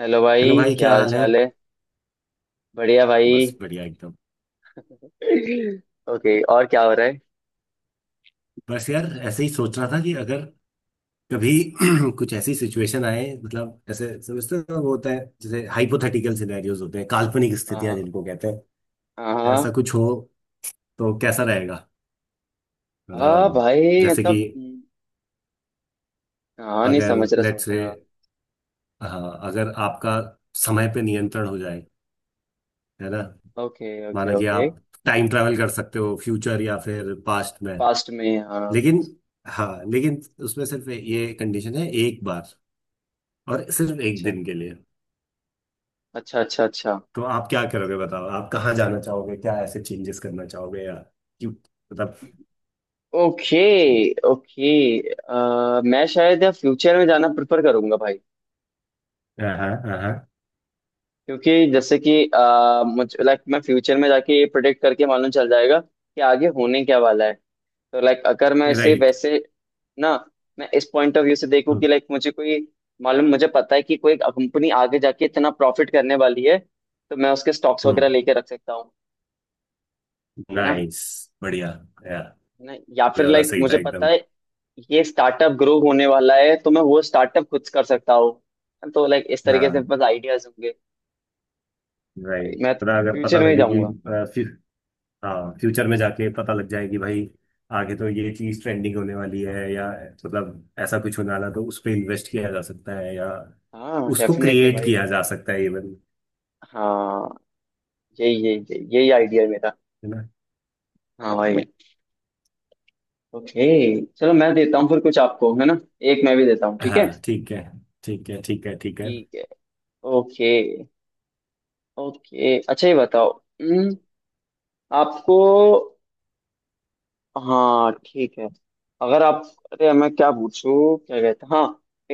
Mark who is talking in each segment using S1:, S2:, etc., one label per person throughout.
S1: Hello
S2: hello
S1: भाई।
S2: भाई,
S1: क्या
S2: क्या
S1: हाल
S2: हाल है।
S1: चाल है। बढ़िया भाई।
S2: बस बढ़िया एकदम।
S1: ओके, और क्या हो रहा है।
S2: बस यार ऐसे ही सोच रहा था कि अगर कभी कुछ ऐसी सिचुएशन आए, मतलब ऐसे समझते हो वो होता है जैसे हाइपोथेटिकल सिनेरियोज होते हैं, काल्पनिक स्थितियां
S1: हाँ,
S2: जिनको कहते हैं,
S1: हाँ, हाँ,
S2: ऐसा कुछ हो तो कैसा रहेगा।
S1: हाँ
S2: मतलब
S1: भाई
S2: जैसे कि
S1: मतलब। हाँ, नहीं,
S2: अगर
S1: समझ रहा
S2: लेट्स
S1: समझ
S2: से,
S1: रहा।
S2: हाँ अगर आपका समय पे नियंत्रण हो जाए, है ना।
S1: ओके, ओके,
S2: माना कि
S1: ओके।
S2: आप टाइम ट्रैवल कर सकते हो फ्यूचर या फिर पास्ट में,
S1: पास्ट में, हाँ।
S2: लेकिन हाँ लेकिन उसमें सिर्फ ये कंडीशन है, एक बार और सिर्फ एक
S1: अच्छा,
S2: दिन के लिए।
S1: अच्छा, अच्छा, अच्छा।
S2: तो आप क्या करोगे, बताओ। आप कहाँ जाना चाहोगे, क्या ऐसे चेंजेस करना चाहोगे, या क्यों, मतलब।
S1: Okay, okay. मैं शायद या फ्यूचर में जाना प्रेफर करूंगा भाई।
S2: हाँ हाँ हाँ।
S1: क्योंकि जैसे कि मुझे लाइक मैं फ्यूचर में जाके ये प्रिडिक्ट करके मालूम चल जाएगा कि आगे होने क्या वाला है। तो लाइक अगर मैं इसे
S2: राइट।
S1: वैसे, ना, मैं इस पॉइंट ऑफ व्यू से देखूं
S2: हम्म।
S1: कि लाइक मुझे पता है कि कोई कंपनी आगे जाके इतना प्रॉफिट करने वाली है। तो मैं उसके स्टॉक्स वगैरह
S2: हम्म।
S1: लेके रख सकता हूँ, है ना।
S2: नाइस। बढ़िया। या
S1: है ना, या
S2: ये
S1: फिर
S2: वाला
S1: लाइक
S2: सही था
S1: मुझे पता
S2: एकदम।
S1: है, ये स्टार्टअप ग्रो होने वाला है तो मैं वो स्टार्टअप खुद कर सकता हूँ। तो लाइक इस तरीके से
S2: हाँ।
S1: बस आइडियाज होंगे। भाई,
S2: राइट,
S1: मैं तो
S2: पता, अगर पता
S1: फ्यूचर में ही
S2: लगेगी
S1: जाऊंगा।
S2: हाँ फ्यूचर में जाके पता लग जाएगी भाई। आगे तो ये चीज ट्रेंडिंग होने वाली है, या मतलब ऐसा कुछ होने वाला है, तो उस पर इन्वेस्ट किया जा सकता है, या
S1: हाँ,
S2: उसको
S1: डेफिनेटली
S2: क्रिएट
S1: भाई।
S2: किया जा सकता है इवन,
S1: हाँ, यही यही यही यही आइडिया है मेरा।
S2: है ना।
S1: हाँ भाई। ओके। चलो मैं देता हूँ फिर कुछ आपको, है ना। एक मैं भी देता हूँ, ठीक है।
S2: हाँ ठीक है ठीक है ठीक है। ठीक है।
S1: ठीक है। ओके। ओके, अच्छा ये बताओ। हम्म, आपको, हाँ ठीक है। अगर आप, अरे मैं क्या पूछूं क्या कहता, हाँ,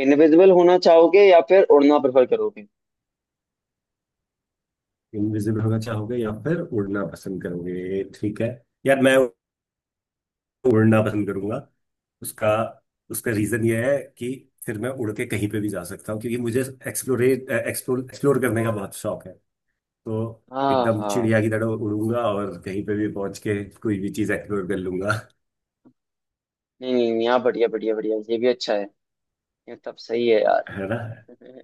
S1: इनविजिबल होना चाहोगे या फिर उड़ना प्रेफर करोगे।
S2: इनविजिबल होना चाहोगे या फिर उड़ना पसंद करोगे, ठीक है। यार मैं उड़ना पसंद करूंगा। उसका उसका रीजन ये है कि फिर मैं उड़ के कहीं पे भी जा सकता हूँ, क्योंकि मुझे एक्सप्लोर करने का बहुत शौक है। तो
S1: हाँ,
S2: एकदम
S1: हाँ।
S2: चिड़िया की तरह उड़ूंगा और कहीं पे भी पहुंच के कोई भी चीज एक्सप्लोर कर लूंगा,
S1: नहीं, नहीं, नहीं, हाँ, बढ़िया, बढ़िया, बढ़िया, ये भी अच्छा है। ये तब सही है यार।
S2: है ना।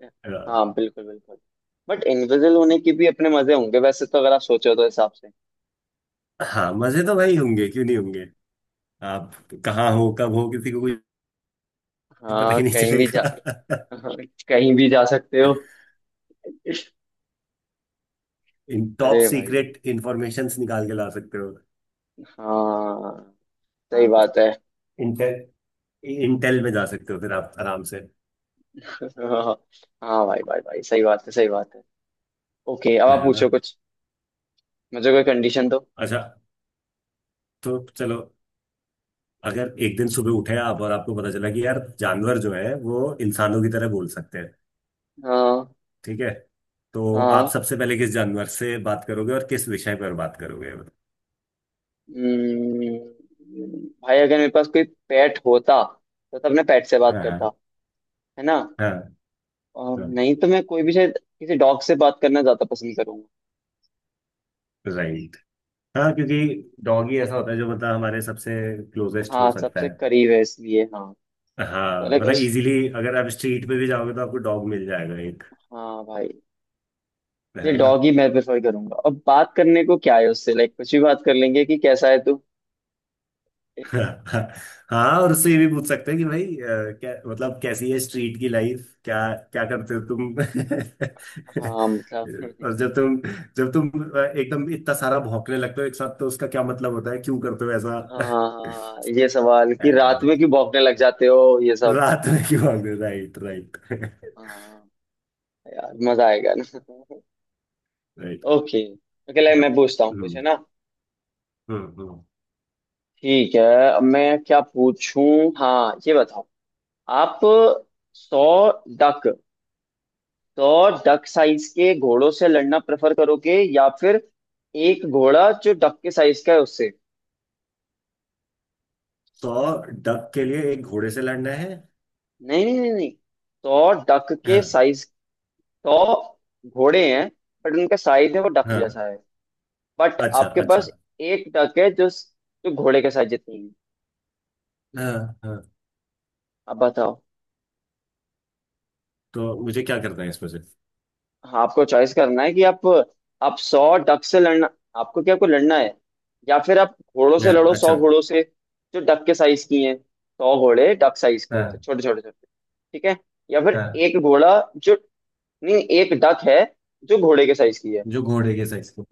S2: अ,
S1: हाँ, बिल्कुल, बिल्कुल। बट इनविजिबल होने के भी अपने मजे होंगे वैसे, तो अगर आप सोचो तो हिसाब से।
S2: हाँ मजे तो वही होंगे, क्यों नहीं होंगे। आप कहाँ हो, कब हो, किसी को पता
S1: हाँ,
S2: ही नहीं
S1: कहीं भी जा।
S2: चलेगा।
S1: हाँ, कहीं भी जा सकते हो।
S2: इन टॉप
S1: अरे भाई।
S2: सीक्रेट इंफॉर्मेशन निकाल के ला सकते हो।
S1: हाँ, सही बात है।
S2: इंटेल, इंटेल में जा सकते हो फिर आप आराम से,
S1: हाँ, हाँ भाई, भाई, भाई, सही बात है, सही बात है। ओके, अब आप
S2: है ना।
S1: पूछो कुछ। मुझे कोई कंडीशन दो।
S2: अच्छा, तो चलो, अगर एक दिन सुबह उठे आप और आपको पता चला कि यार जानवर जो है वो इंसानों की तरह बोल सकते हैं,
S1: हाँ,
S2: ठीक है। तो आप
S1: हाँ।
S2: सबसे पहले किस जानवर से बात करोगे और किस विषय पर बात करोगे।
S1: हम्म, भाई, अगर मेरे पास कोई पेट होता, तो तब मैं पेट से बात
S2: हाँ हाँ
S1: करता। है ना।
S2: हाँ।
S1: और
S2: हाँ
S1: नहीं तो मैं कोई भी, शायद किसी डॉग से बात करना ज्यादा पसंद करूंगा।
S2: राइट। हाँ क्योंकि डॉग ही ऐसा होता है जो मतलब हमारे सबसे क्लोजेस्ट हो
S1: हाँ,
S2: सकता
S1: सबसे
S2: है।
S1: करीब है, इसलिए हाँ। तो
S2: हाँ
S1: लाइक
S2: मतलब
S1: उस,
S2: इजीली, अगर आप स्ट्रीट पे भी जाओगे तो आपको डॉग मिल जाएगा एक,
S1: हाँ भाई, ये
S2: है ना।
S1: डॉग ही मैं प्रेफर करूंगा। अब बात करने को क्या है उससे, लाइक कुछ भी बात कर लेंगे कि कैसा है तू।
S2: हाँ, और उससे ये भी पूछ सकते हैं कि भाई क्या, मतलब कैसी है स्ट्रीट की लाइफ, क्या क्या करते हो तुम।
S1: हाँ, मतलब।
S2: और जब तुम एकदम इतना सारा भौंकने लगते हो एक साथ, तो उसका क्या मतलब होता है, क्यों करते हो ऐसा।
S1: हाँ, हाँ, ये सवाल
S2: अ,
S1: कि रात में क्यों भौंकने लग जाते हो, ये सब।
S2: रात में क्यों भागते, राइट राइट
S1: हाँ। यार मजा आएगा ना।
S2: राइट।
S1: ओके। ओके, लाइक मैं पूछता हूँ कुछ, है
S2: हम्म
S1: ना।
S2: हम्म हम्म।
S1: ठीक है। अब मैं क्या पूछूं। हाँ, ये बताओ। आप सौ डक 100 डक साइज के घोड़ों से लड़ना प्रेफर करोगे, या फिर एक घोड़ा जो डक के साइज का है उससे।
S2: तो डक के लिए एक घोड़े से लड़ना है।
S1: नहीं, नहीं, नहीं, नहीं। 100 डक के
S2: हाँ।
S1: साइज। 100 घोड़े हैं। बट उनका साइज है, वो डक
S2: हाँ
S1: जैसा है। बट
S2: अच्छा
S1: आपके
S2: अच्छा।
S1: पास, एक डक है जो जो घोड़े के साइज जितनी है।
S2: हाँ हाँ।
S1: अब बताओ।
S2: तो मुझे क्या करना है इसमें से।
S1: हाँ, आपको चॉइस करना है कि आप 100 डक से लड़ना, आपको क्या, आपको लड़ना है, या फिर आप घोड़ों से
S2: हाँ
S1: लड़ो, 100
S2: अच्छा।
S1: घोड़ों से। जो डक के साइज की हैं, 100 घोड़े डक साइज के, तो
S2: हाँ
S1: छोटे छोटे छोटे। ठीक है। या फिर
S2: हाँ।
S1: एक घोड़ा जो, नहीं एक डक है जो घोड़े के साइज की है।
S2: जो घोड़े के साइज को,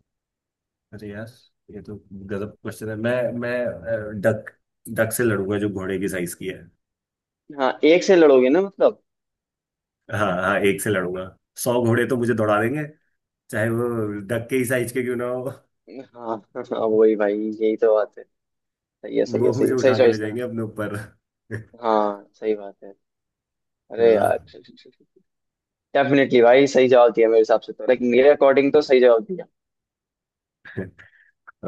S2: अरे यार ये तो गजब क्वेश्चन है। मैं डक, डक से लड़ूंगा जो घोड़े की साइज की है।
S1: हाँ, एक से लड़ोगे ना, मतलब।
S2: हाँ हाँ एक से लड़ूंगा। सौ घोड़े तो मुझे
S1: हाँ।
S2: दौड़ा देंगे, चाहे वो डक के ही साइज के क्यों ना हो।
S1: हाँ, हाँ, वही भाई, यही तो बात है। सही है, सही है,
S2: वो मुझे
S1: सही सही
S2: उठा के ले
S1: चॉइस करा।
S2: जाएंगे अपने ऊपर। है
S1: हाँ, सही बात है। अरे
S2: ना।
S1: यार। डेफिनेटली भाई, सही जवाब दिया मेरे हिसाब से, तो लाइक मेरे अकॉर्डिंग तो सही जवाब।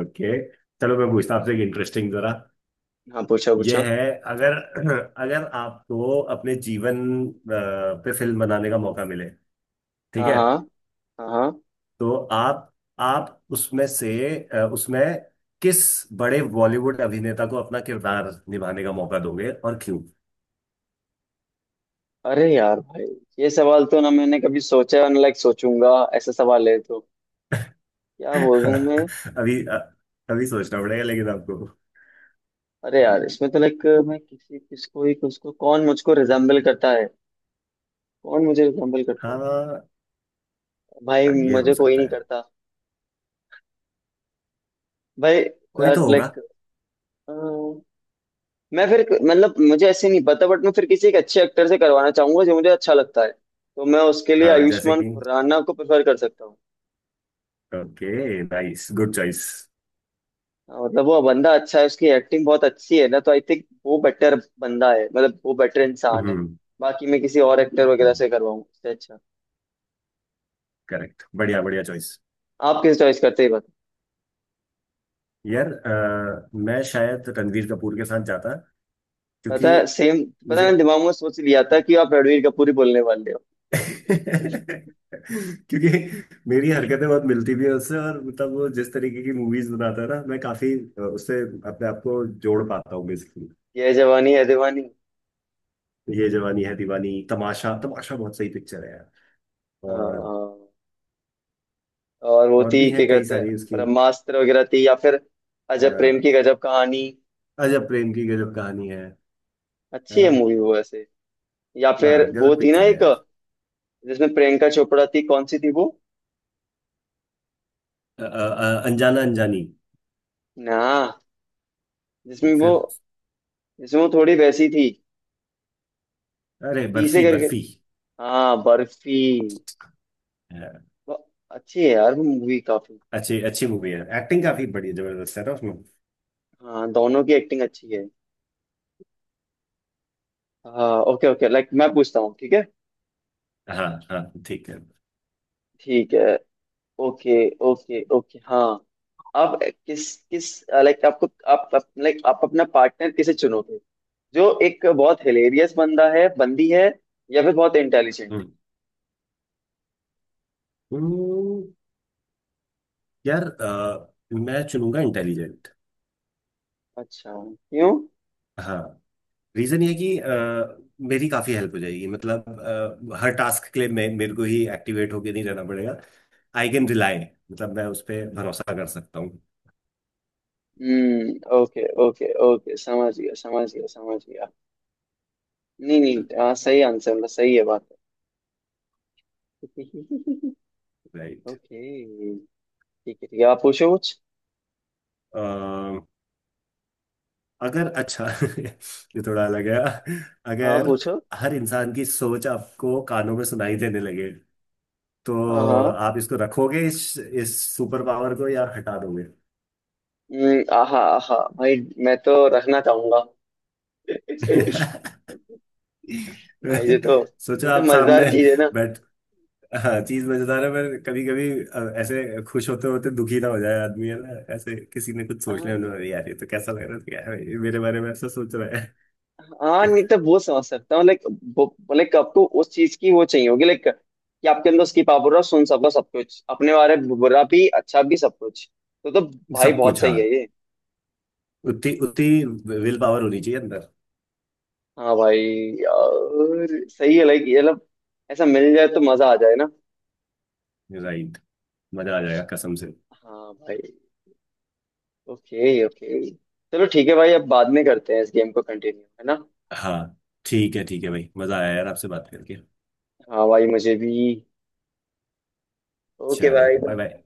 S2: ओके, चलो मैं पूछता हूँ आपसे एक इंटरेस्टिंग जरा।
S1: हाँ, पूछो, पूछो।
S2: यह है, अगर अगर आपको अपने जीवन अ, पे फिल्म बनाने का मौका मिले, ठीक
S1: हाँ,
S2: है।
S1: हाँ, हाँ, हाँ।
S2: तो आप उसमें से उसमें किस बड़े बॉलीवुड अभिनेता को अपना किरदार निभाने का मौका दोगे और क्यों।
S1: अरे यार भाई, ये सवाल तो ना मैंने कभी सोचा, ना लाइक सोचूंगा। ऐसा सवाल है तो, क्या बोलूं मैं।
S2: अभी अ, अभी सोचना पड़ेगा, लेकिन आपको,
S1: अरे यार, इसमें तो लाइक मैं किसी, किसको ही, किसको, कौन मुझको रिजेम्बल करता है। कौन मुझे रिजेम्बल करता है।
S2: हाँ
S1: भाई
S2: ये हो
S1: मुझे कोई नहीं
S2: सकता है,
S1: करता। भाई,
S2: कोई तो होगा।
S1: लाइक मैं फिर, मतलब मुझे ऐसे नहीं पता, बट मैं फिर किसी एक अच्छे एक्टर से करवाना चाहूंगा जो मुझे अच्छा लगता है, तो मैं उसके लिए
S2: हाँ जैसे
S1: आयुष्मान
S2: कि
S1: खुराना को प्रेफर कर सकता।
S2: Okay, nice, good choice.
S1: हाँ, मतलब वो बंदा अच्छा है, उसकी एक्टिंग बहुत अच्छी है ना, तो आई थिंक वो बेटर बंदा है, मतलब वो बेटर इंसान है।
S2: हम्म।
S1: बाकी मैं किसी और एक्टर वगैरह से करवाऊँ, उससे अच्छा।
S2: करेक्ट, बढ़िया बढ़िया चॉइस।
S1: आप किस चॉइस करते हैं, ये बताओ।
S2: यार मैं शायद रणवीर कपूर के साथ जाता,
S1: पता
S2: क्योंकि
S1: है, सेम। पता है,
S2: मुझे
S1: मैंने दिमाग में सोच लिया था कि आप रणवीर कपूर ही बोलने वाले हो।
S2: क्योंकि मेरी हरकतें बहुत मिलती भी है उससे, और मतलब वो जिस तरीके की मूवीज बनाता है ना, मैं काफी उससे अपने आप को जोड़ पाता हूँ बेसिकली।
S1: ये जवानी है दीवानी।
S2: ये जवानी है दीवानी, तमाशा। तमाशा बहुत सही पिक्चर है यार। और
S1: हाँ, और वो
S2: और
S1: थी
S2: भी
S1: क्या
S2: हैं कई
S1: कहते हैं।
S2: सारी उसकी।
S1: ब्रह्मास्त्र वगैरह थी, या फिर
S2: अ,
S1: अजब प्रेम की गजब कहानी।
S2: अजब प्रेम की गजब कहानी है
S1: अच्छी है
S2: ना।
S1: मूवी वो वैसे। या
S2: वाह,
S1: फिर वो
S2: गजब
S1: थी ना
S2: पिक्चर है
S1: एक,
S2: यार।
S1: जिसमें प्रियंका चोपड़ा थी, कौन सी थी वो।
S2: अ, अ, अनजाना अनजानी,
S1: ना, जिसमें वो,
S2: फिर,
S1: इसमें वो थोड़ी वैसी थी।
S2: अरे,
S1: पीसे
S2: बर्फी,
S1: करके।
S2: बर्फी।
S1: हाँ, बर्फी। वो, अच्छी है यार वो मूवी काफी।
S2: अच्छी अच्छी मूवी है, एक्टिंग काफी बड़ी जबरदस्त है ना उसमें।
S1: हाँ, दोनों की एक्टिंग अच्छी है। हाँ, ओके, ओके, लाइक मैं पूछता हूँ, ठीक है।
S2: हाँ हाँ ठीक है।
S1: ठीक है। ओके। ओके, ओके, हाँ। आप किस किस, लाइक आपको, आप, लाइक आप अपना पार्टनर किसे चुनोगे, जो एक बहुत हिलेरियस बंदा है, बंदी है, या फिर बहुत इंटेलिजेंट।
S2: हम्म। हम्म, यार मैं चुनूंगा इंटेलिजेंट।
S1: अच्छा, क्यों।
S2: हाँ, रीजन ये कि मेरी काफी हेल्प हो जाएगी, मतलब हर टास्क के लिए मैं, मेरे को ही एक्टिवेट होके नहीं रहना पड़ेगा। आई कैन रिलाई, मतलब मैं उस पर भरोसा कर सकता हूँ।
S1: हम्म, ओके, ओके, ओके, समझ गया, समझ गया, समझ गया। नहीं, नहीं, हाँ, सही आंसर, मतलब सही है बात। ओके।
S2: राइट।
S1: ठीक है, ठीक है, आप पूछो कुछ।
S2: अगर, अच्छा। ये थोड़ा अलग है।
S1: हाँ,
S2: अगर
S1: पूछो।
S2: हर इंसान की सोच आपको कानों में सुनाई देने लगे, तो
S1: हाँ, हाँ।
S2: आप इसको रखोगे इस सुपर पावर को, या हटा दोगे।
S1: आहा, आहा भाई, मैं तो रखना चाहूंगा। भाई, ये तो,
S2: सोचो
S1: ये तो
S2: आप सामने
S1: मजेदार चीज है ना।
S2: बैठ, हाँ चीज मजेदार है, पर कभी कभी ऐसे खुश होते होते दुखी ना हो जाए आदमी, है ना। ऐसे किसी ने कुछ सोच लिया
S1: हाँ,
S2: उन्होंने, यार ये तो कैसा लग रहा है, क्या है, ये मेरे बारे में ऐसा सोच रहा है।
S1: हाँ, नहीं तो वो समझ सकता हूँ, लाइक, लाइक आपको उस चीज की वो चाहिए होगी, लाइक कि आपके अंदर उसकी पावर हो सुन सको सब कुछ, अपने बारे में बुरा भी अच्छा भी सब कुछ, तो भाई
S2: सब
S1: बहुत
S2: कुछ,
S1: सही
S2: हाँ।
S1: है ये।
S2: उतनी उतनी विल पावर होनी चाहिए अंदर।
S1: हाँ भाई, यार सही है, लाइक ये मतलब, ऐसा मिल जाए तो मजा आ जाए ना।
S2: राइट। मजा आ जाएगा कसम से।
S1: हाँ भाई। ओके, ओके, चलो ठीक है भाई, अब बाद में करते हैं इस गेम को कंटिन्यू, है ना।
S2: हाँ ठीक है भाई, मजा आया यार आपसे बात करके।
S1: हाँ भाई, मुझे भी। ओके
S2: चलो,
S1: भाई।
S2: Bye bye.